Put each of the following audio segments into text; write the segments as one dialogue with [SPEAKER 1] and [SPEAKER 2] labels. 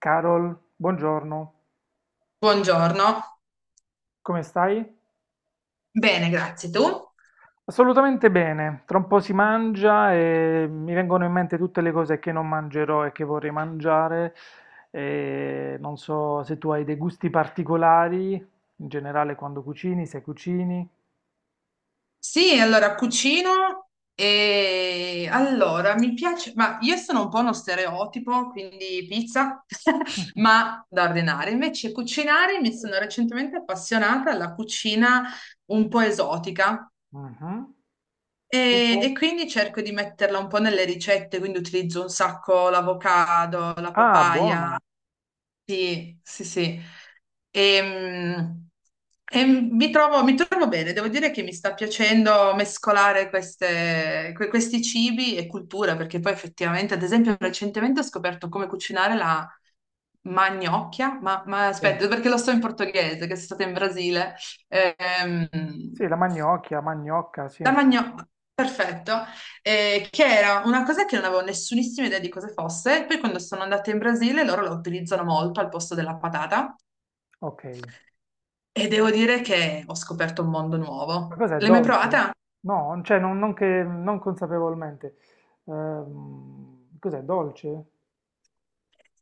[SPEAKER 1] Carol, buongiorno,
[SPEAKER 2] Buongiorno.
[SPEAKER 1] come stai?
[SPEAKER 2] Bene, grazie. Tu?
[SPEAKER 1] Assolutamente bene, tra un po' si mangia e mi vengono in mente tutte le cose che non mangerò e che vorrei mangiare. E non so se tu hai dei gusti particolari, in generale quando cucini, se cucini.
[SPEAKER 2] Sì, allora cucino e allora mi piace, ma io sono un po' uno stereotipo, quindi pizza, ma da ordinare. Invece cucinare, mi sono recentemente appassionata alla cucina un po' esotica
[SPEAKER 1] Mhm.
[SPEAKER 2] e,
[SPEAKER 1] Tipo?
[SPEAKER 2] e quindi cerco di metterla un po' nelle ricette, quindi utilizzo un sacco l'avocado, la
[SPEAKER 1] Ah,
[SPEAKER 2] papaya.
[SPEAKER 1] buono,
[SPEAKER 2] Sì, sì, sì. E, e mi trovo bene, devo dire che mi sta piacendo mescolare questi cibi e cultura, perché poi effettivamente, ad esempio, recentemente ho scoperto come cucinare la magnocchia, ma
[SPEAKER 1] sì.
[SPEAKER 2] aspetta, perché lo so in portoghese, che sono stata in Brasile. Ehm,
[SPEAKER 1] Sì, la magnocchia, magnocca, sì.
[SPEAKER 2] la magnocchia, perfetto, che era una cosa che non avevo nessunissima idea di cosa fosse, e poi quando sono andata in Brasile loro la utilizzano molto al posto della patata.
[SPEAKER 1] Ok.
[SPEAKER 2] E devo dire che ho scoperto un mondo
[SPEAKER 1] Ma
[SPEAKER 2] nuovo.
[SPEAKER 1] cos'è,
[SPEAKER 2] L'hai mai
[SPEAKER 1] dolce?
[SPEAKER 2] provata?
[SPEAKER 1] No, cioè non consapevolmente. Cos'è, dolce?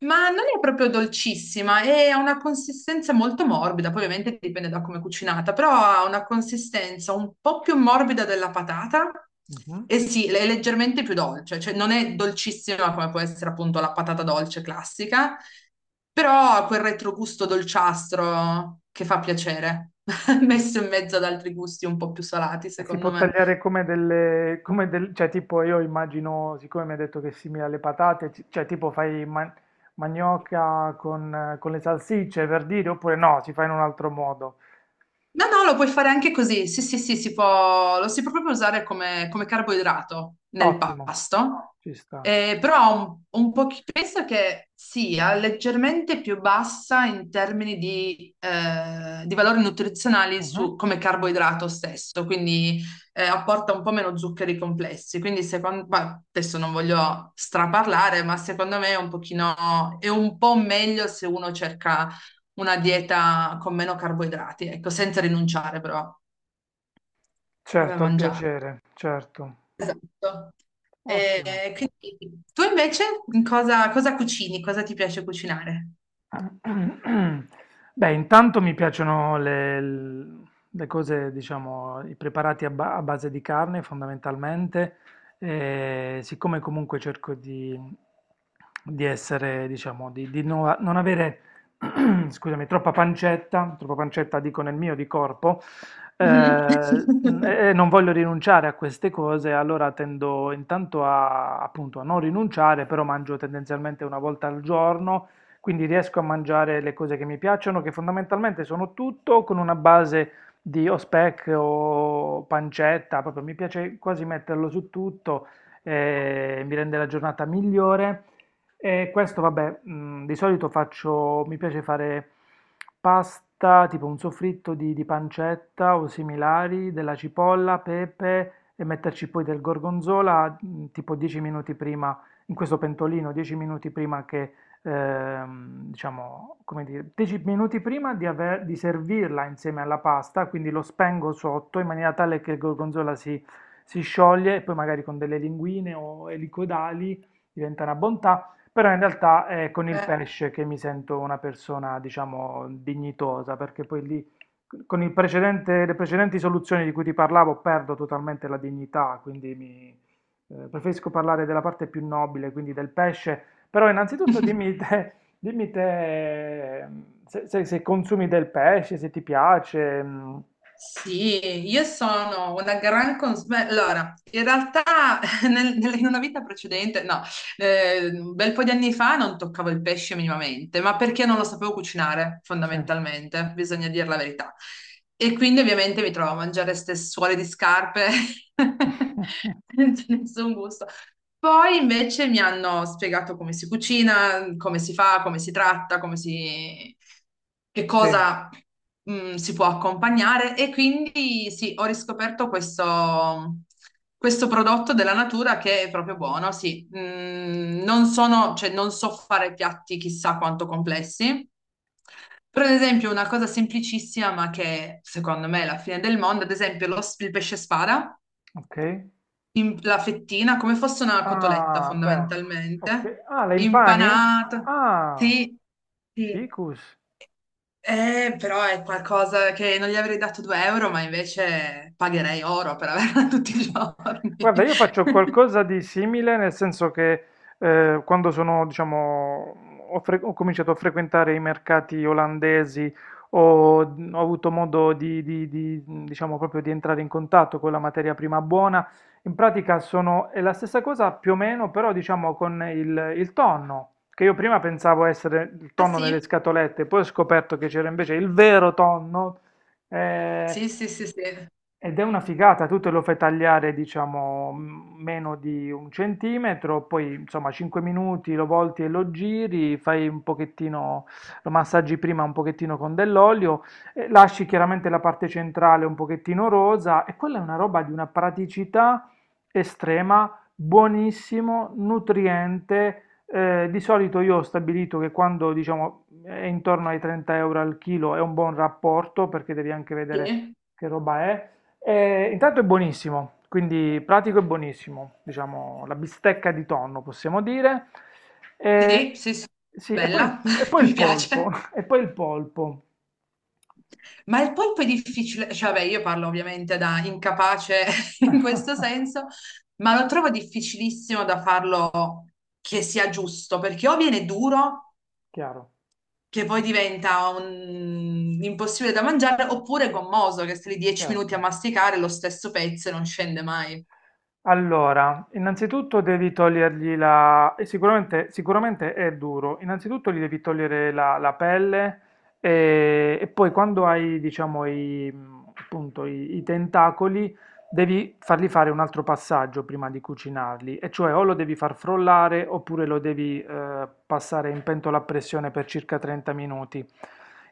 [SPEAKER 2] Ma non è proprio dolcissima e ha una consistenza molto morbida, poi ovviamente dipende da come è cucinata, però ha una consistenza un po' più morbida della patata
[SPEAKER 1] Mh-mh.
[SPEAKER 2] e sì, è leggermente più dolce, cioè non è dolcissima come può essere appunto la patata dolce classica, però ha quel retrogusto dolciastro che fa piacere,
[SPEAKER 1] Okay.
[SPEAKER 2] messo in mezzo ad altri gusti un po' più salati,
[SPEAKER 1] E si
[SPEAKER 2] secondo
[SPEAKER 1] può
[SPEAKER 2] me.
[SPEAKER 1] tagliare come delle come del cioè tipo io immagino, siccome mi hai detto che è simile alle patate, ci cioè tipo fai ma manioca con le salsicce per dire, oppure no, si fa in un altro modo.
[SPEAKER 2] No, no, lo puoi fare anche così. Sì, sì, sì, si può, lo si può proprio usare come, come carboidrato nel
[SPEAKER 1] Ottimo,
[SPEAKER 2] pasto.
[SPEAKER 1] ci sta.
[SPEAKER 2] Però ha un po' penso che sia leggermente più bassa in termini di valori nutrizionali
[SPEAKER 1] Mh-mh.
[SPEAKER 2] come carboidrato stesso, quindi apporta un po' meno zuccheri complessi. Quindi secondo, ma adesso non voglio straparlare, ma secondo me è un pochino, è un po' meglio se uno cerca una dieta con meno carboidrati, ecco, senza rinunciare però a
[SPEAKER 1] Certo, al
[SPEAKER 2] mangiare.
[SPEAKER 1] piacere, certo.
[SPEAKER 2] Esatto.
[SPEAKER 1] Ottimo.
[SPEAKER 2] E quindi tu invece in cosa, cosa cucini? Cosa ti piace cucinare?
[SPEAKER 1] Beh, intanto mi piacciono le cose, diciamo, i preparati a, a base di carne fondamentalmente, e siccome comunque cerco di essere, diciamo, di non avere, scusami, troppa pancetta dico nel mio di corpo, eh,
[SPEAKER 2] Mhm.
[SPEAKER 1] e non voglio rinunciare a queste cose, allora tendo intanto a, appunto, a non rinunciare, però mangio tendenzialmente una volta al giorno quindi riesco a mangiare le cose che mi piacciono, che fondamentalmente sono tutto con una base di o speck o pancetta, proprio mi piace quasi metterlo su tutto, mi rende la giornata migliore. E questo, vabbè, di solito faccio, mi piace fare pasta, tipo un soffritto di pancetta o similari, della cipolla, pepe e metterci poi del gorgonzola, tipo 10 minuti prima, in questo pentolino, 10 minuti prima che diciamo, come dire, 10 minuti prima di servirla insieme alla pasta, quindi lo spengo sotto in maniera tale che il gorgonzola si scioglie e poi magari con delle linguine o elicoidali diventa una bontà, però in realtà è con il
[SPEAKER 2] Eh,
[SPEAKER 1] pesce che mi sento una persona, diciamo, dignitosa, perché poi lì con il le precedenti soluzioni di cui ti parlavo perdo totalmente la dignità, quindi preferisco parlare della parte più nobile, quindi del pesce però innanzitutto dimmi te, se consumi del pesce, se ti piace. Mm.
[SPEAKER 2] sì, io sono una gran consulenza. Allora, in realtà in una vita precedente, no, un bel po' di anni fa non toccavo il pesce minimamente, ma perché non lo sapevo cucinare,
[SPEAKER 1] Sì.
[SPEAKER 2] fondamentalmente, bisogna dire la verità. E quindi ovviamente mi trovo a mangiare ste suole di scarpe senza nessun gusto. Poi invece mi hanno spiegato come si cucina, come si fa, come si tratta, come si... che
[SPEAKER 1] Sì,
[SPEAKER 2] cosa si può accompagnare e quindi sì, ho riscoperto questo, questo prodotto della natura che è proprio buono, sì. Mm, non sono, cioè, non so fare piatti chissà quanto complessi. Per esempio, una cosa semplicissima, ma che secondo me è la fine del mondo, ad esempio il pesce spada
[SPEAKER 1] ok.
[SPEAKER 2] la fettina come fosse una cotoletta
[SPEAKER 1] Ah, beh, ok.
[SPEAKER 2] fondamentalmente,
[SPEAKER 1] Ah, la impani?
[SPEAKER 2] impanata.
[SPEAKER 1] Ah,
[SPEAKER 2] Sì, sì.
[SPEAKER 1] ficus.
[SPEAKER 2] Però è qualcosa che non gli avrei dato 2 euro, ma invece pagherei oro per averla tutti i giorni.
[SPEAKER 1] Guarda, io faccio qualcosa di simile, nel senso che quando sono, diciamo, ho cominciato a frequentare i mercati olandesi, ho, ho avuto modo di, diciamo, proprio di entrare in contatto con la materia prima buona. In pratica sono, è la stessa cosa più o meno, però diciamo con il tonno, che io prima pensavo essere il
[SPEAKER 2] Ah
[SPEAKER 1] tonno
[SPEAKER 2] sì?
[SPEAKER 1] nelle scatolette, poi ho scoperto che c'era invece il vero tonno. eh,
[SPEAKER 2] Sì, sì, sì, sì.
[SPEAKER 1] Ed è una figata, tu te lo fai tagliare, diciamo, m- meno di un centimetro, poi insomma 5 minuti lo volti e lo giri, fai un pochettino, lo massaggi prima un pochettino con dell'olio, lasci chiaramente la parte centrale un pochettino rosa e quella è una roba di una praticità estrema, buonissimo, nutriente. Di solito io ho stabilito che quando diciamo è intorno ai 30 euro al chilo è un buon rapporto perché devi anche vedere
[SPEAKER 2] Sì,
[SPEAKER 1] che roba è. Intanto è buonissimo, quindi pratico e buonissimo, diciamo la bistecca di tonno possiamo dire. Eh,
[SPEAKER 2] sì, sì, sì.
[SPEAKER 1] sì,
[SPEAKER 2] Bella,
[SPEAKER 1] e poi il
[SPEAKER 2] mi
[SPEAKER 1] polpo,
[SPEAKER 2] piace.
[SPEAKER 1] e poi il polpo,
[SPEAKER 2] Ma il polpo è difficile, cioè vabbè, io parlo ovviamente da incapace in questo senso, ma lo trovo difficilissimo da farlo che sia giusto, perché o viene duro,
[SPEAKER 1] chiaro,
[SPEAKER 2] che poi diventa impossibile da mangiare, oppure gommoso, che stai lì 10 minuti a
[SPEAKER 1] certo.
[SPEAKER 2] masticare lo stesso pezzo e non scende mai.
[SPEAKER 1] Allora, innanzitutto devi togliergli la... e sicuramente, sicuramente è duro. Innanzitutto gli devi togliere la pelle e poi quando hai, diciamo, appunto, i tentacoli, devi fargli fare un altro passaggio prima di cucinarli. E cioè o lo devi far frollare oppure lo devi passare in pentola a pressione per circa 30 minuti.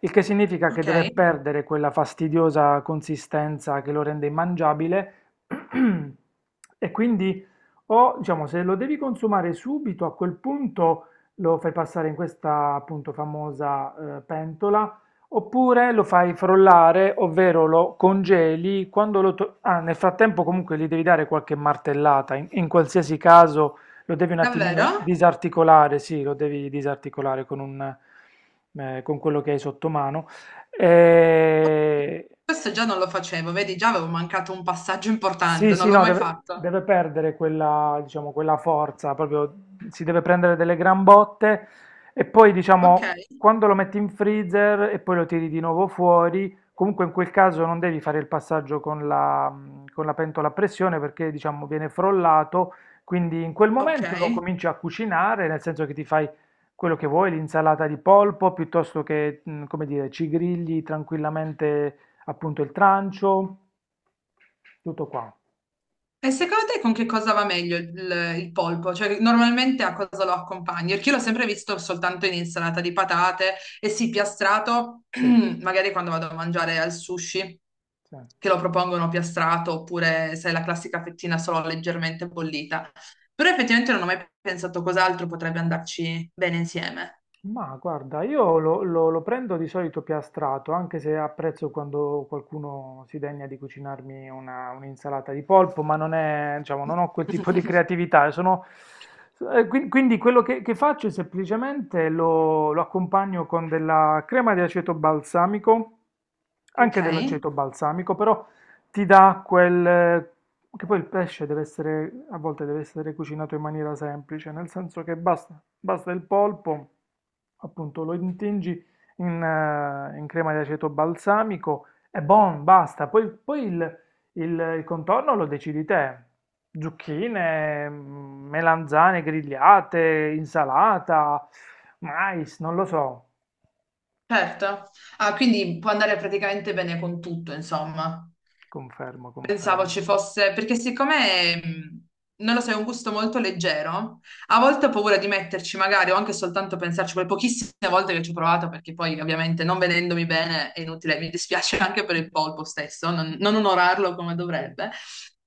[SPEAKER 1] Il che significa che deve
[SPEAKER 2] Ok?
[SPEAKER 1] perdere quella fastidiosa consistenza che lo rende immangiabile. E quindi o diciamo se lo devi consumare subito a quel punto lo fai passare in questa appunto famosa pentola oppure lo fai frollare, ovvero lo congeli quando nel frattempo comunque gli devi dare qualche martellata, in qualsiasi caso lo devi un attimino
[SPEAKER 2] Davvero?
[SPEAKER 1] disarticolare, sì, lo devi disarticolare con un con quello che hai sotto mano. Eh,
[SPEAKER 2] Questo già non lo facevo, vedi, già avevo mancato un passaggio importante, non
[SPEAKER 1] sì,
[SPEAKER 2] l'ho
[SPEAKER 1] no,
[SPEAKER 2] mai
[SPEAKER 1] deve,
[SPEAKER 2] fatto.
[SPEAKER 1] deve perdere quella, diciamo, quella forza, proprio si deve prendere delle gran botte e poi,
[SPEAKER 2] Ok,
[SPEAKER 1] diciamo, quando lo metti in freezer e poi lo tiri di nuovo fuori, comunque in quel caso non devi fare il passaggio con con la pentola a pressione perché, diciamo, viene frollato, quindi in quel
[SPEAKER 2] ok.
[SPEAKER 1] momento lo cominci a cucinare, nel senso che ti fai quello che vuoi, l'insalata di polpo, piuttosto che, come dire, ci grigli tranquillamente appunto il trancio. Tutto qua,
[SPEAKER 2] E secondo te con che cosa va meglio il polpo? Cioè, normalmente a cosa lo accompagni? Perché io l'ho sempre visto soltanto in insalata di patate e sì, piastrato,
[SPEAKER 1] sì,
[SPEAKER 2] magari quando vado a mangiare al sushi,
[SPEAKER 1] sì.
[SPEAKER 2] che lo propongono piastrato, oppure sai, la classica fettina solo leggermente bollita. Però effettivamente non ho mai pensato cos'altro potrebbe andarci bene insieme.
[SPEAKER 1] Ma guarda, io lo prendo di solito piastrato, anche se apprezzo quando qualcuno si degna di cucinarmi un'insalata di polpo, ma non è, diciamo, non ho quel tipo di creatività. Sono, quindi quello che faccio è semplicemente lo accompagno con della crema di aceto balsamico,
[SPEAKER 2] Ok,
[SPEAKER 1] anche dell'aceto balsamico, però ti dà quel, che poi il pesce deve essere, a volte deve essere cucinato in maniera semplice, nel senso che basta, basta il polpo, appunto lo intingi in crema di aceto balsamico e buon, basta. Poi, poi il contorno lo decidi te. Zucchine, melanzane grigliate, insalata, mais, non lo so.
[SPEAKER 2] certo. Ah, quindi può andare praticamente bene con tutto, insomma.
[SPEAKER 1] Confermo,
[SPEAKER 2] Pensavo
[SPEAKER 1] confermo.
[SPEAKER 2] ci fosse, perché siccome, non lo so, è un gusto molto leggero, a volte ho paura di metterci magari o anche soltanto pensarci, quelle pochissime volte che ci ho provato, perché poi ovviamente non vedendomi bene è inutile, mi dispiace anche per il polpo stesso, non, non onorarlo come
[SPEAKER 1] Sì.
[SPEAKER 2] dovrebbe.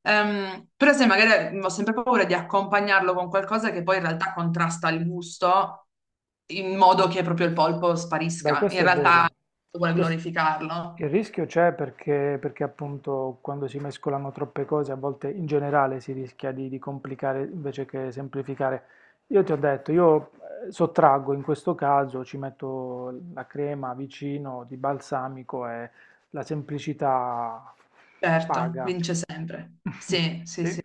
[SPEAKER 2] Però se magari mhmm, ho sempre paura di accompagnarlo con qualcosa che poi in realtà contrasta il gusto in modo che proprio il polpo
[SPEAKER 1] Beh,
[SPEAKER 2] sparisca. In
[SPEAKER 1] questo è
[SPEAKER 2] realtà
[SPEAKER 1] vero.
[SPEAKER 2] vuole
[SPEAKER 1] Quest-
[SPEAKER 2] glorificarlo.
[SPEAKER 1] Il rischio c'è perché, perché appunto quando si mescolano troppe cose, a volte in generale si rischia di complicare invece che semplificare. Io ti ho detto, io sottraggo in questo caso, ci metto la crema vicino di balsamico e la semplicità
[SPEAKER 2] Certo,
[SPEAKER 1] paga.
[SPEAKER 2] vince sempre. Sì, sì, sì.
[SPEAKER 1] Sì.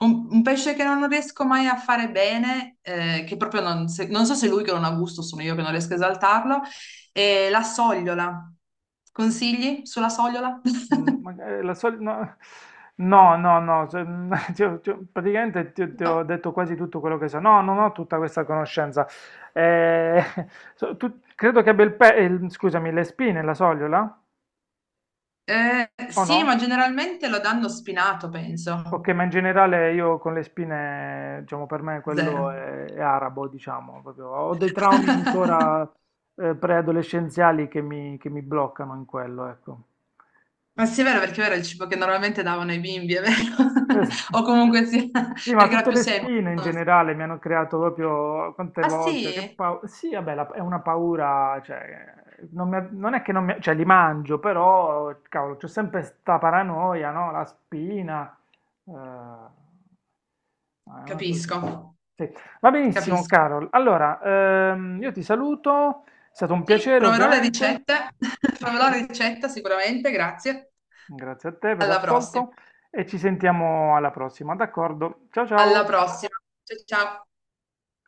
[SPEAKER 2] Un pesce che non riesco mai a fare bene, che proprio non, non so se è lui che non ha gusto, sono io che non riesco a esaltarlo, è la sogliola. Consigli sulla sogliola?
[SPEAKER 1] Mhmm, mag la soli no no, no, no, se mhmm, ti ho praticamente ti ho ti
[SPEAKER 2] No.
[SPEAKER 1] ho detto quasi tutto quello che so. No, non ho tutta questa conoscenza. Ehm, so tu credo che abbia il pe scusami, le spine la sogliola? O
[SPEAKER 2] Sì,
[SPEAKER 1] no?
[SPEAKER 2] ma generalmente lo danno spinato, penso.
[SPEAKER 1] Okay, ma in generale io con le spine, diciamo per me quello
[SPEAKER 2] Zero.
[SPEAKER 1] è arabo, diciamo, proprio ho dei traumi ancora, preadolescenziali che mi bloccano in quello, ecco.
[SPEAKER 2] Ma sì, è vero, perché era il cibo che normalmente davano ai bimbi, è vero?
[SPEAKER 1] Sì,
[SPEAKER 2] O comunque sì,
[SPEAKER 1] ma
[SPEAKER 2] perché era
[SPEAKER 1] tutte
[SPEAKER 2] più
[SPEAKER 1] le
[SPEAKER 2] semplice.
[SPEAKER 1] spine in generale mi hanno creato proprio quante
[SPEAKER 2] Ah
[SPEAKER 1] volte,
[SPEAKER 2] sì?
[SPEAKER 1] sì, vabbè, la- è una paura, cioè, non è che non mi, cioè, li mangio, però, cavolo, c'è sempre sta paranoia, no? La spina, ma è una cosa...
[SPEAKER 2] Capisco,
[SPEAKER 1] Sì. Va benissimo,
[SPEAKER 2] capisco.
[SPEAKER 1] Carol. Allora, io ti saluto, è stato un
[SPEAKER 2] Sì,
[SPEAKER 1] piacere,
[SPEAKER 2] proverò le
[SPEAKER 1] ovviamente.
[SPEAKER 2] ricette, proverò la ricetta sicuramente, grazie.
[SPEAKER 1] Grazie a te per
[SPEAKER 2] Alla prossima.
[SPEAKER 1] l'ascolto e ci sentiamo alla prossima, d'accordo? Ciao
[SPEAKER 2] Alla
[SPEAKER 1] ciao!
[SPEAKER 2] prossima. Ciao, ciao.